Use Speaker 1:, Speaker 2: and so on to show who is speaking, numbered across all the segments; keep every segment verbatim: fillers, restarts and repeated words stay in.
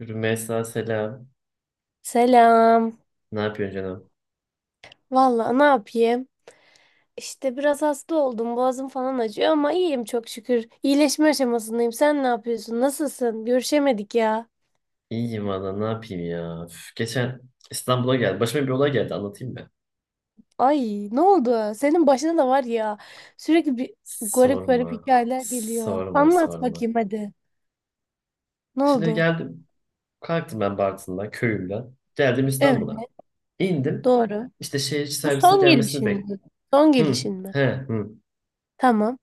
Speaker 1: Rümeysa selam.
Speaker 2: Selam.
Speaker 1: Ne yapıyorsun canım?
Speaker 2: Valla ne yapayım? İşte biraz hasta oldum. Boğazım falan acıyor ama iyiyim çok şükür. İyileşme aşamasındayım. Sen ne yapıyorsun? Nasılsın? Görüşemedik ya.
Speaker 1: İyiyim valla, ne yapayım ya. Üf, geçen İstanbul'a geldi. Başıma bir olay geldi, anlatayım mı?
Speaker 2: Ay ne oldu? Senin başına da var ya. Sürekli bir garip garip
Speaker 1: Sorma.
Speaker 2: hikayeler geliyor.
Speaker 1: Sorma
Speaker 2: Anlat
Speaker 1: sorma.
Speaker 2: bakayım hadi. Ne
Speaker 1: Şimdi
Speaker 2: oldu?
Speaker 1: geldim. Kalktım ben Bartın'dan köyümden. Geldim
Speaker 2: Evet,
Speaker 1: İstanbul'a. İndim.
Speaker 2: doğru.
Speaker 1: İşte şehir içi
Speaker 2: Bu
Speaker 1: servisin
Speaker 2: son
Speaker 1: gelmesini
Speaker 2: gelişin
Speaker 1: bekliyorum.
Speaker 2: mi? Son
Speaker 1: Hı,
Speaker 2: gelişin mi?
Speaker 1: he, hı.
Speaker 2: Tamam.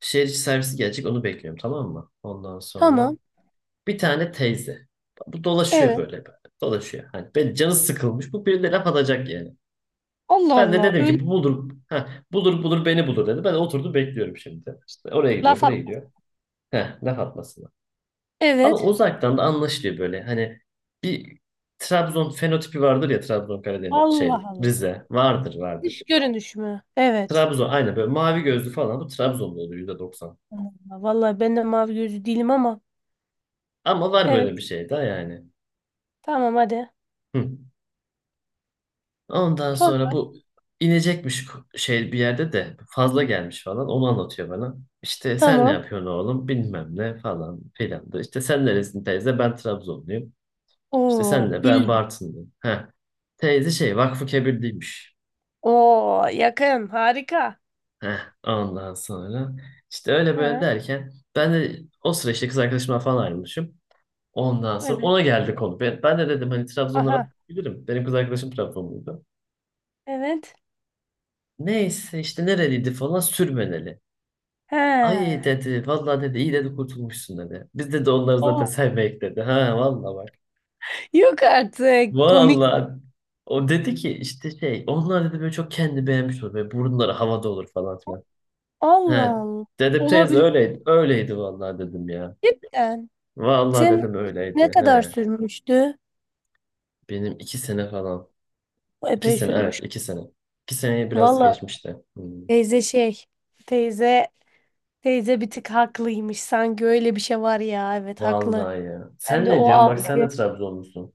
Speaker 1: Şehir içi servisi gelecek, onu bekliyorum, tamam mı? Ondan sonra
Speaker 2: Tamam.
Speaker 1: bir tane teyze. Bu dolaşıyor
Speaker 2: Evet.
Speaker 1: böyle, böyle, dolaşıyor. Hani ben, canı sıkılmış. Bu birine laf atacak yani.
Speaker 2: Allah
Speaker 1: Ben de
Speaker 2: Allah.
Speaker 1: dedim
Speaker 2: Öyle
Speaker 1: ki bu bulur, ha, bulur bulur beni bulur dedi. Ben de oturdum bekliyorum şimdi. İşte oraya gidiyor,
Speaker 2: laf at.
Speaker 1: buraya gidiyor. Heh, laf atmasına. Ama
Speaker 2: Evet.
Speaker 1: uzaktan da anlaşılıyor böyle. Hani bir Trabzon fenotipi vardır ya, Trabzon Karadeniz şey
Speaker 2: Allah Allah.
Speaker 1: Rize vardır
Speaker 2: Dış
Speaker 1: vardır.
Speaker 2: görünüş mü? Evet.
Speaker 1: Trabzon aynı böyle mavi gözlü falan, bu Trabzon'da oluyor yüzde doksan.
Speaker 2: Vallahi ben de mavi gözlü değilim ama.
Speaker 1: Ama var böyle bir
Speaker 2: Evet.
Speaker 1: şey daha yani.
Speaker 2: Tamam hadi.
Speaker 1: Hı. Ondan
Speaker 2: Sonra
Speaker 1: sonra bu inecekmiş ko- şey, bir yerde de fazla gelmiş falan, onu anlatıyor bana. İşte sen ne
Speaker 2: tamam.
Speaker 1: yapıyorsun oğlum bilmem ne falan filan da. İşte sen neresin teyze, ben Trabzonluyum. İşte
Speaker 2: Oo
Speaker 1: sen de, ben
Speaker 2: bildim.
Speaker 1: Bartınlıyım. Heh. Teyze şey Vakfı Kebirliymiş.
Speaker 2: Oo yakın. Harika.
Speaker 1: Heh. Ondan sonra işte öyle böyle
Speaker 2: Ha,
Speaker 1: derken ben de o sıra işte kız arkadaşımla falan ayrılmışım. Ondan sonra
Speaker 2: evet.
Speaker 1: ona geldi konu. Ben, ben de dedim, hani Trabzonlara
Speaker 2: Aha.
Speaker 1: bilirim. Benim kız arkadaşım Trabzonluydu.
Speaker 2: Evet.
Speaker 1: Neyse işte nereliydi falan, sürmeneli.
Speaker 2: He.
Speaker 1: Ay dedi. Vallahi dedi, iyi dedi, kurtulmuşsun dedi. Biz dedi onları
Speaker 2: Oo.
Speaker 1: zaten sevmeyek dedi. Ha, vallahi bak.
Speaker 2: Yok artık. Komik. Mi?
Speaker 1: Vallahi. O dedi ki işte şey, onlar dedi böyle çok kendi beğenmiş olur. Böyle burunları havada olur falan filan. He.
Speaker 2: Allah Allah.
Speaker 1: Dedim teyze
Speaker 2: Olabilir.
Speaker 1: öyleydi. Öyleydi vallahi dedim ya.
Speaker 2: Cidden.
Speaker 1: Vallahi
Speaker 2: Sen
Speaker 1: dedim
Speaker 2: ne
Speaker 1: öyleydi.
Speaker 2: kadar
Speaker 1: He.
Speaker 2: sürmüştü?
Speaker 1: Benim iki sene falan. İki
Speaker 2: Epey
Speaker 1: sene, evet,
Speaker 2: sürmüş.
Speaker 1: iki sene. İki seneye biraz
Speaker 2: Valla
Speaker 1: geçmişti. Hmm.
Speaker 2: teyze şey. Teyze teyze bir tık haklıymış. Sanki öyle bir şey var ya. Evet haklı.
Speaker 1: Vallahi ya.
Speaker 2: Ben
Speaker 1: Sen
Speaker 2: de
Speaker 1: ne
Speaker 2: o
Speaker 1: diyorsun? Bak
Speaker 2: algı.
Speaker 1: sen de Trabzonlusun.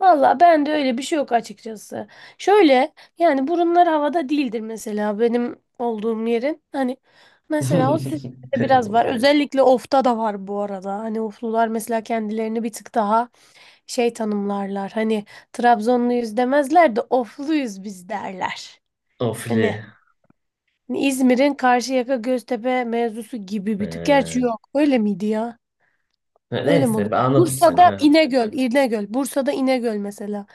Speaker 2: Valla ben de öyle bir şey yok açıkçası. Şöyle yani burunlar havada değildir mesela benim olduğum yerin. Hani mesela o sütlerde
Speaker 1: Benim
Speaker 2: biraz var.
Speaker 1: olduğunu.
Speaker 2: Özellikle ofta da var bu arada. Hani oflular mesela kendilerini bir tık daha şey tanımlarlar. Hani Trabzonluyuz demezler de ofluyuz biz derler.
Speaker 1: Ofli.
Speaker 2: Hani İzmir'in Karşıyaka Göztepe mevzusu gibi bir tık. Gerçi
Speaker 1: He.
Speaker 2: yok. Öyle miydi ya?
Speaker 1: Ne-
Speaker 2: Öyle mi olur?
Speaker 1: Neyse, ben anladım seni.
Speaker 2: Bursa'da
Speaker 1: Heh.
Speaker 2: İnegöl, İnegöl. Bursa'da İnegöl mesela.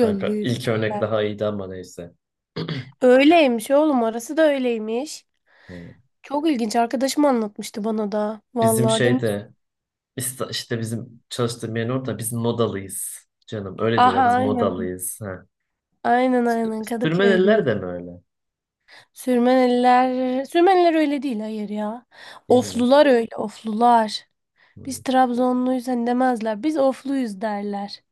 Speaker 1: Kanka ilk örnek daha iyiydi ama neyse.
Speaker 2: Öyleymiş oğlum orası da öyleymiş.
Speaker 1: Ee,
Speaker 2: Çok ilginç arkadaşım anlatmıştı bana da.
Speaker 1: Bizim
Speaker 2: Vallahi demiş.
Speaker 1: şeyde, İsta- işte bizim çalıştığım yerin orada biz modalıyız. Canım öyle diyorlar,
Speaker 2: Aha
Speaker 1: biz
Speaker 2: aynen.
Speaker 1: modalıyız. Ha.
Speaker 2: Aynen
Speaker 1: Sü-
Speaker 2: aynen Kadıköylüyüz.
Speaker 1: Sürmeneliler de mi öyle?
Speaker 2: Sürmeneliler, Sürmeniler öyle değil hayır ya.
Speaker 1: Değil mi?
Speaker 2: Oflular öyle oflular. Biz
Speaker 1: Hmm.
Speaker 2: Trabzonluyuz hani demezler. Biz ofluyuz derler.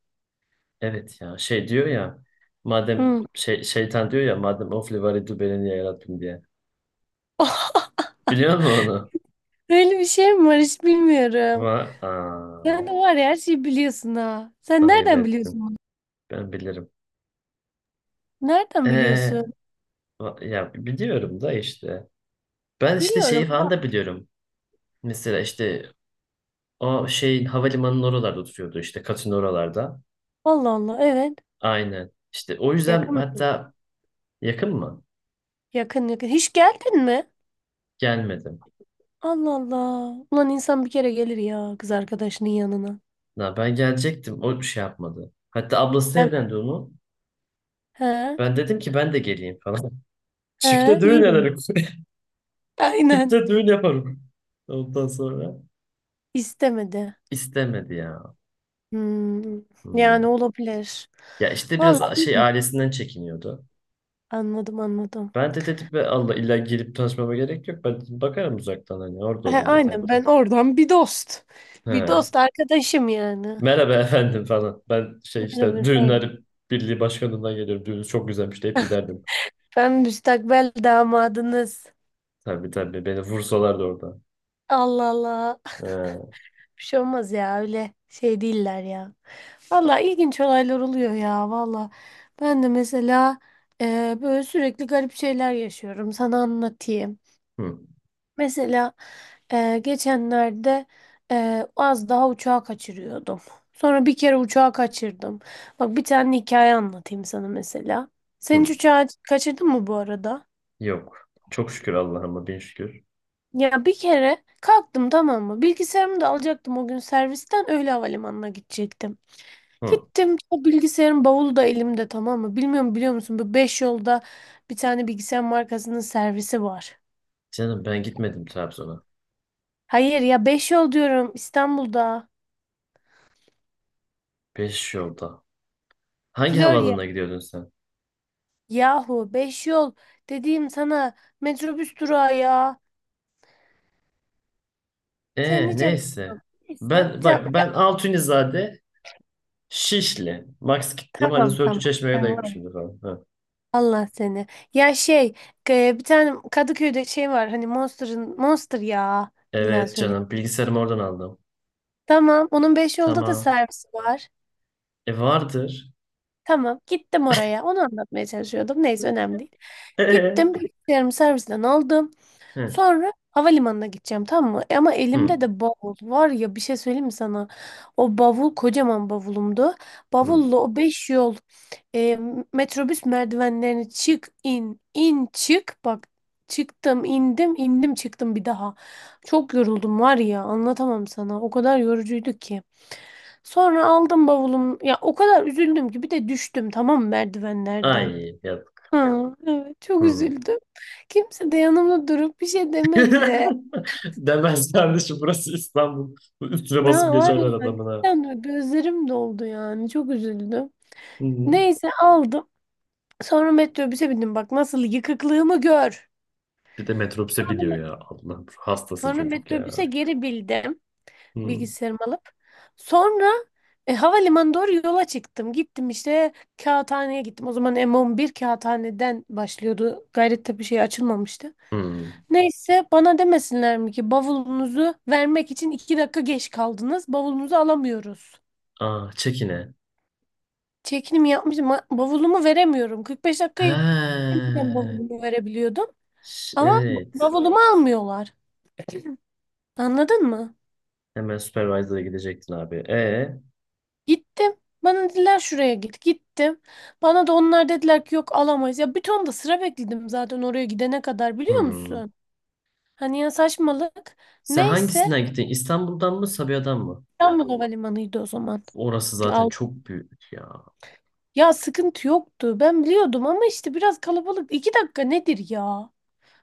Speaker 1: Evet ya, şey diyor ya madem
Speaker 2: Hı.
Speaker 1: şey, şeytan diyor ya madem ofli var idi beni niye yarattın diye. Biliyor musun onu?
Speaker 2: Öyle bir şey mi var hiç bilmiyorum.
Speaker 1: Va Aa,
Speaker 2: Sen de var ya her şeyi biliyorsun ha. Sen
Speaker 1: ayıp
Speaker 2: nereden biliyorsun
Speaker 1: ettin.
Speaker 2: bunu?
Speaker 1: Ben bilirim.
Speaker 2: Nereden
Speaker 1: Ee,
Speaker 2: biliyorsun?
Speaker 1: va- Ya biliyorum da işte. Ben işte
Speaker 2: Biliyorum
Speaker 1: şeyi falan da
Speaker 2: da.
Speaker 1: biliyorum. Mesela işte o şey havalimanının oralarda oturuyordu, işte katın oralarda.
Speaker 2: Allah Allah evet.
Speaker 1: Aynen. İşte o yüzden
Speaker 2: Yakın. Mı?
Speaker 1: hatta yakın mı?
Speaker 2: Yakın yakın. Hiç geldin mi?
Speaker 1: Gelmedim.
Speaker 2: Allah Allah. Ulan insan bir kere gelir ya kız arkadaşının yanına.
Speaker 1: Ya ben gelecektim. O bir şey yapmadı. Hatta ablası
Speaker 2: Hem-
Speaker 1: evlendi onu.
Speaker 2: He,
Speaker 1: Ben dedim ki ben de geleyim falan.
Speaker 2: he,
Speaker 1: Çifte düğün
Speaker 2: iyi demiş.
Speaker 1: ederim.
Speaker 2: Aynen.
Speaker 1: Çifte düğün yaparım. Ondan sonra
Speaker 2: İstemedi.
Speaker 1: istemedi ya.
Speaker 2: Hmm, yani
Speaker 1: Hmm.
Speaker 2: olabilir.
Speaker 1: Ya işte
Speaker 2: Vallahi
Speaker 1: biraz
Speaker 2: iyi.
Speaker 1: şey
Speaker 2: Değil.
Speaker 1: ailesinden çekiniyordu.
Speaker 2: Anladım anladım.
Speaker 1: Ben de dedim be Allah, illa gelip tanışmama gerek yok. Ben dedim, bakarım uzaktan, hani orada
Speaker 2: He,
Speaker 1: olayım yeter
Speaker 2: aynen
Speaker 1: ki.
Speaker 2: ben oradan bir dost. Bir
Speaker 1: He.
Speaker 2: dost arkadaşım yani.
Speaker 1: Merhaba efendim falan. Ben şey
Speaker 2: Merhaba
Speaker 1: işte
Speaker 2: efendim.
Speaker 1: düğünler birliği başkanından geliyorum. Düğününüz çok güzelmiş deyip giderdim.
Speaker 2: Ben müstakbel damadınız.
Speaker 1: Tabii tabii, beni vursalardı orada.
Speaker 2: Allah Allah.
Speaker 1: Ee,
Speaker 2: Bir şey olmaz ya öyle şey değiller ya. Valla ilginç olaylar oluyor ya valla. Ben de mesela e, böyle sürekli garip şeyler yaşıyorum. Sana anlatayım.
Speaker 1: hı,
Speaker 2: Mesela e, geçenlerde e, az daha uçağı kaçırıyordum. Sonra bir kere uçağı kaçırdım. Bak bir tane hikaye anlatayım sana mesela. Sen hiç
Speaker 1: hı.
Speaker 2: uçağı kaçırdın mı bu arada?
Speaker 1: Yok. Çok şükür Allah'ıma bin şükür.
Speaker 2: Ya bir kere kalktım tamam mı? Bilgisayarımı da alacaktım o gün servisten öyle havalimanına gidecektim.
Speaker 1: Hı.
Speaker 2: Gittim o bilgisayarın bavulu da elimde tamam mı? Bilmiyorum biliyor musun bu beş yolda bir tane bilgisayar markasının servisi var.
Speaker 1: Canım ben gitmedim Trabzon'a.
Speaker 2: Hayır ya beş yol diyorum İstanbul'da.
Speaker 1: Beş yolda. Hangi
Speaker 2: Florya.
Speaker 1: havaalanına gidiyordun sen?
Speaker 2: Yahu beş yol dediğim sana metrobüs durağı ya. Sen
Speaker 1: Ee
Speaker 2: nice
Speaker 1: neyse.
Speaker 2: neyse bir
Speaker 1: Ben bak,
Speaker 2: tane ya,
Speaker 1: ben Altunizade Şişli. Max gittiğim halde
Speaker 2: tamam
Speaker 1: Söğütü
Speaker 2: tamam.
Speaker 1: Çeşme'ye de
Speaker 2: Sen
Speaker 1: gitmişimdir falan. Hı.
Speaker 2: Allah seni. Ya şey e, bir tane Kadıköy'de şey var hani Monster'ın Monster ya. İlla
Speaker 1: Evet
Speaker 2: söyle.
Speaker 1: canım, bilgisayarımı oradan aldım.
Speaker 2: Tamam onun beş yolda da
Speaker 1: Tamam.
Speaker 2: servisi var.
Speaker 1: E vardır.
Speaker 2: Tamam gittim oraya. Onu anlatmaya çalışıyordum. Neyse önemli değil. Gittim
Speaker 1: Ee?
Speaker 2: bilgisayarımı servisten aldım.
Speaker 1: Hı.
Speaker 2: Sonra havalimanına gideceğim tamam mı? E ama
Speaker 1: Hı.
Speaker 2: elimde de bavul var ya bir şey söyleyeyim mi sana? O bavul kocaman bavulumdu.
Speaker 1: Hı.
Speaker 2: Bavulla o beş yol e, metrobüs merdivenlerini çık in in çık bak çıktım indim indim çıktım bir daha. Çok yoruldum var ya anlatamam sana o kadar yorucuydu ki. Sonra aldım bavulum ya o kadar üzüldüm ki bir de düştüm tamam mı merdivenlerden
Speaker 1: Ay yap.
Speaker 2: ha evet, çok
Speaker 1: Hı.
Speaker 2: üzüldüm. Kimse de yanımda durup bir şey demedi.
Speaker 1: Demez kardeşim, burası İstanbul. Üstüne
Speaker 2: Ne
Speaker 1: basıp
Speaker 2: var
Speaker 1: geçerler
Speaker 2: ya
Speaker 1: adamın ha.
Speaker 2: cidden böyle gözlerim doldu yani çok üzüldüm.
Speaker 1: Hı.
Speaker 2: Neyse aldım. Sonra metrobüse bindim bak nasıl yıkıklığımı gör.
Speaker 1: Bir de metrobüse
Speaker 2: Sonra,
Speaker 1: biniyor
Speaker 2: me-
Speaker 1: ya. Allah hastası
Speaker 2: sonra
Speaker 1: çocuk
Speaker 2: metrobüse
Speaker 1: ya.
Speaker 2: geri bildim
Speaker 1: Hı.
Speaker 2: bilgisayarımı alıp. Sonra e, havalimanı doğru yola çıktım. Gittim işte kağıthaneye gittim. O zaman m on bir kağıthaneden başlıyordu. Gayrettepe şey açılmamıştı.
Speaker 1: Hı.
Speaker 2: Neyse bana demesinler mi ki bavulunuzu vermek için iki dakika geç kaldınız. Bavulunuzu alamıyoruz.
Speaker 1: Aa, çekine.
Speaker 2: Çekinimi yapmışım. ma- Bavulumu veremiyorum. kırk beş
Speaker 1: He.
Speaker 2: dakikayı önceden bavulumu verebiliyordum.
Speaker 1: Ş-
Speaker 2: Ama b-
Speaker 1: Evet.
Speaker 2: bavulumu almıyorlar. Anladın mı?
Speaker 1: Hemen supervisor'a gidecektin abi. E.
Speaker 2: Gittim. Bana dediler şuraya git. Gittim. Bana da onlar dediler ki yok alamayız. Ya bir ton da sıra bekledim zaten oraya gidene kadar biliyor
Speaker 1: Hı.
Speaker 2: musun? Hani ya saçmalık.
Speaker 1: Sen
Speaker 2: Neyse
Speaker 1: hangisinden gittin? İstanbul'dan mı, Sabiha'dan mı?
Speaker 2: İstanbul Havalimanı'ydı o zaman.
Speaker 1: Orası zaten çok büyük ya.
Speaker 2: Ya sıkıntı yoktu. Ben biliyordum ama işte biraz kalabalık. İki dakika nedir ya?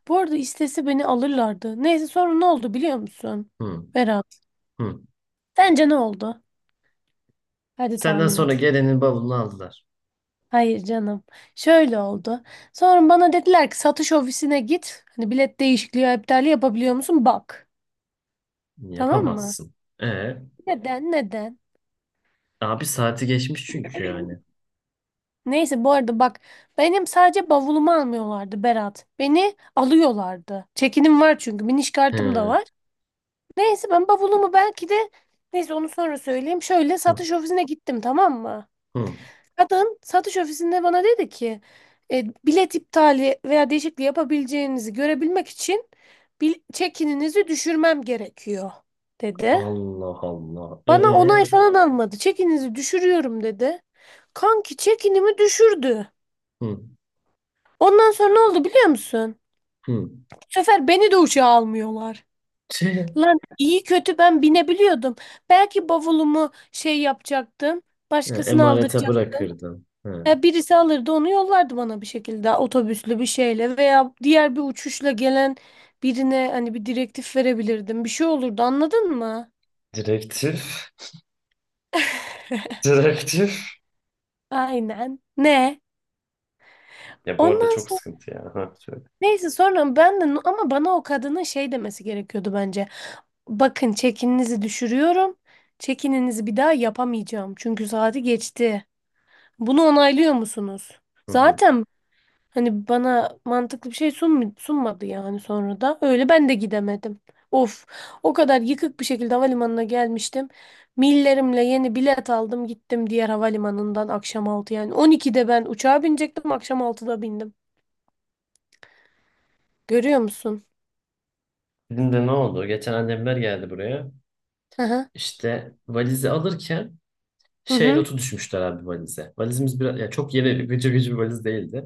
Speaker 2: Bu arada istese beni alırlardı. Neyse sonra ne oldu biliyor musun?
Speaker 1: Hı.
Speaker 2: Berat.
Speaker 1: Hı.
Speaker 2: Sence ne oldu? Hadi
Speaker 1: Senden
Speaker 2: tahmin
Speaker 1: sonra
Speaker 2: et.
Speaker 1: gelenin bavulunu aldılar.
Speaker 2: Hayır canım. Şöyle oldu. Sonra bana dediler ki satış ofisine git. Hani bilet değişikliği ya iptali yapabiliyor musun? Bak. Tamam mı?
Speaker 1: Yapamazsın. E
Speaker 2: Neden? Neden?
Speaker 1: abi, saati geçmiş çünkü yani.
Speaker 2: Neyse bu arada bak benim sadece bavulumu almıyorlardı Berat. Beni alıyorlardı. Çekinim var çünkü biniş kartım da
Speaker 1: He.
Speaker 2: var. Neyse ben bavulumu belki de neyse onu sonra söyleyeyim. Şöyle
Speaker 1: Hı.
Speaker 2: satış ofisine gittim tamam mı?
Speaker 1: Hı.
Speaker 2: Kadın satış ofisinde bana dedi ki e, bilet iptali veya değişikliği yapabileceğinizi görebilmek için bil çekininizi düşürmem gerekiyor dedi.
Speaker 1: Allah Allah. E.
Speaker 2: Bana onay falan almadı. Çekinizi düşürüyorum dedi. Kanki çekinimi düşürdü.
Speaker 1: Hı.
Speaker 2: Ondan sonra ne oldu biliyor musun?
Speaker 1: Hı.
Speaker 2: Bu sefer beni de uçağa almıyorlar.
Speaker 1: Tüh.
Speaker 2: Lan iyi kötü ben binebiliyordum. Belki bavulumu şey yapacaktım.
Speaker 1: E,
Speaker 2: Başkasını
Speaker 1: Emanete
Speaker 2: aldıracaktım.
Speaker 1: bırakırdın. Hı.
Speaker 2: Ya birisi alırdı onu yollardı bana bir şekilde otobüslü bir şeyle veya diğer bir uçuşla gelen birine hani bir direktif verebilirdim. Bir şey olurdu anladın mı?
Speaker 1: Direktif. Direktif.
Speaker 2: Aynen. Ne?
Speaker 1: Ya bu arada
Speaker 2: Ondan
Speaker 1: çok
Speaker 2: sonra
Speaker 1: sıkıntı ya. Ha, söyle.
Speaker 2: neyse sonra ben de ama bana o kadının şey demesi gerekiyordu bence. Bakın çekininizi düşürüyorum. Çekininizi bir daha yapamayacağım. Çünkü saati geçti. Bunu onaylıyor musunuz?
Speaker 1: Hı hı.
Speaker 2: Zaten hani bana mantıklı bir şey sunm sunmadı yani sonra da. Öyle ben de gidemedim. Of, o kadar yıkık bir şekilde havalimanına gelmiştim. Millerimle yeni bilet aldım gittim diğer havalimanından akşam altı yani. on ikide ben uçağa binecektim akşam altıda bindim. Görüyor musun?
Speaker 1: Bizim de ne oldu? Geçen annemler geldi buraya.
Speaker 2: Hı hı.
Speaker 1: İşte valizi alırken
Speaker 2: Hı
Speaker 1: şey
Speaker 2: hı.
Speaker 1: notu düşmüşler abi valize. Valizimiz biraz ya, çok yeni gıcır gıcır bir valiz değildi.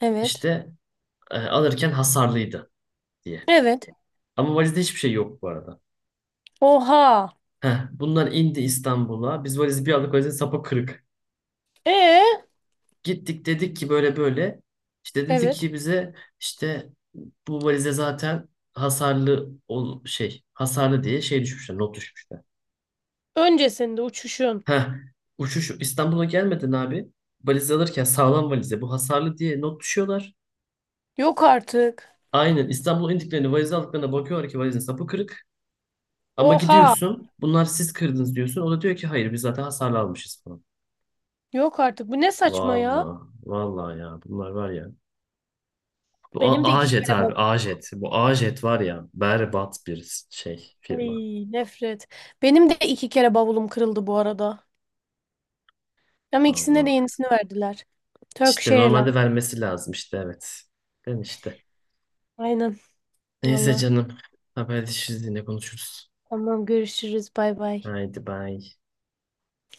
Speaker 2: Evet.
Speaker 1: İşte e, alırken hasarlıydı diye.
Speaker 2: Evet.
Speaker 1: Ama valizde hiçbir şey yok bu arada.
Speaker 2: Oha.
Speaker 1: Heh, bunlar indi İstanbul'a. Biz valizi bir aldık, valizin sapı kırık.
Speaker 2: Ee.
Speaker 1: Gittik dedik ki böyle böyle. İşte dedik
Speaker 2: Evet.
Speaker 1: ki bize, işte bu valize zaten hasarlı ol şey, hasarlı diye şey düşmüşler, not düşmüşler.
Speaker 2: Öncesinde uçuşun.
Speaker 1: Heh, uçuş İstanbul'a gelmeden abi, valizi alırken sağlam valize bu hasarlı diye not düşüyorlar.
Speaker 2: Yok artık.
Speaker 1: Aynen İstanbul'a indiklerini valizi aldıklarına bakıyorlar ki valizin sapı kırık. Ama
Speaker 2: Oha.
Speaker 1: gidiyorsun, bunlar siz kırdınız diyorsun. O da diyor ki hayır, biz zaten hasarlı almışız falan.
Speaker 2: Yok artık. Bu ne saçma
Speaker 1: Valla,
Speaker 2: ya?
Speaker 1: valla ya, bunlar var ya. Bu
Speaker 2: Benim de
Speaker 1: A-
Speaker 2: iki
Speaker 1: Ajet
Speaker 2: kere
Speaker 1: abi,
Speaker 2: bavulum.
Speaker 1: Ajet. Bu Ajet var ya, berbat bir şey firma.
Speaker 2: Ay, nefret. Benim de iki kere bavulum kırıldı bu arada. Ama ikisinde de
Speaker 1: Allah.
Speaker 2: yenisini verdiler. Turkish
Speaker 1: İşte normalde
Speaker 2: Airlines.
Speaker 1: vermesi lazım, işte evet. Ben işte.
Speaker 2: Aynen.
Speaker 1: Neyse
Speaker 2: Valla.
Speaker 1: canım. Haberleşiriz, yine konuşuruz.
Speaker 2: Tamam görüşürüz. Bay bay.
Speaker 1: Haydi bay.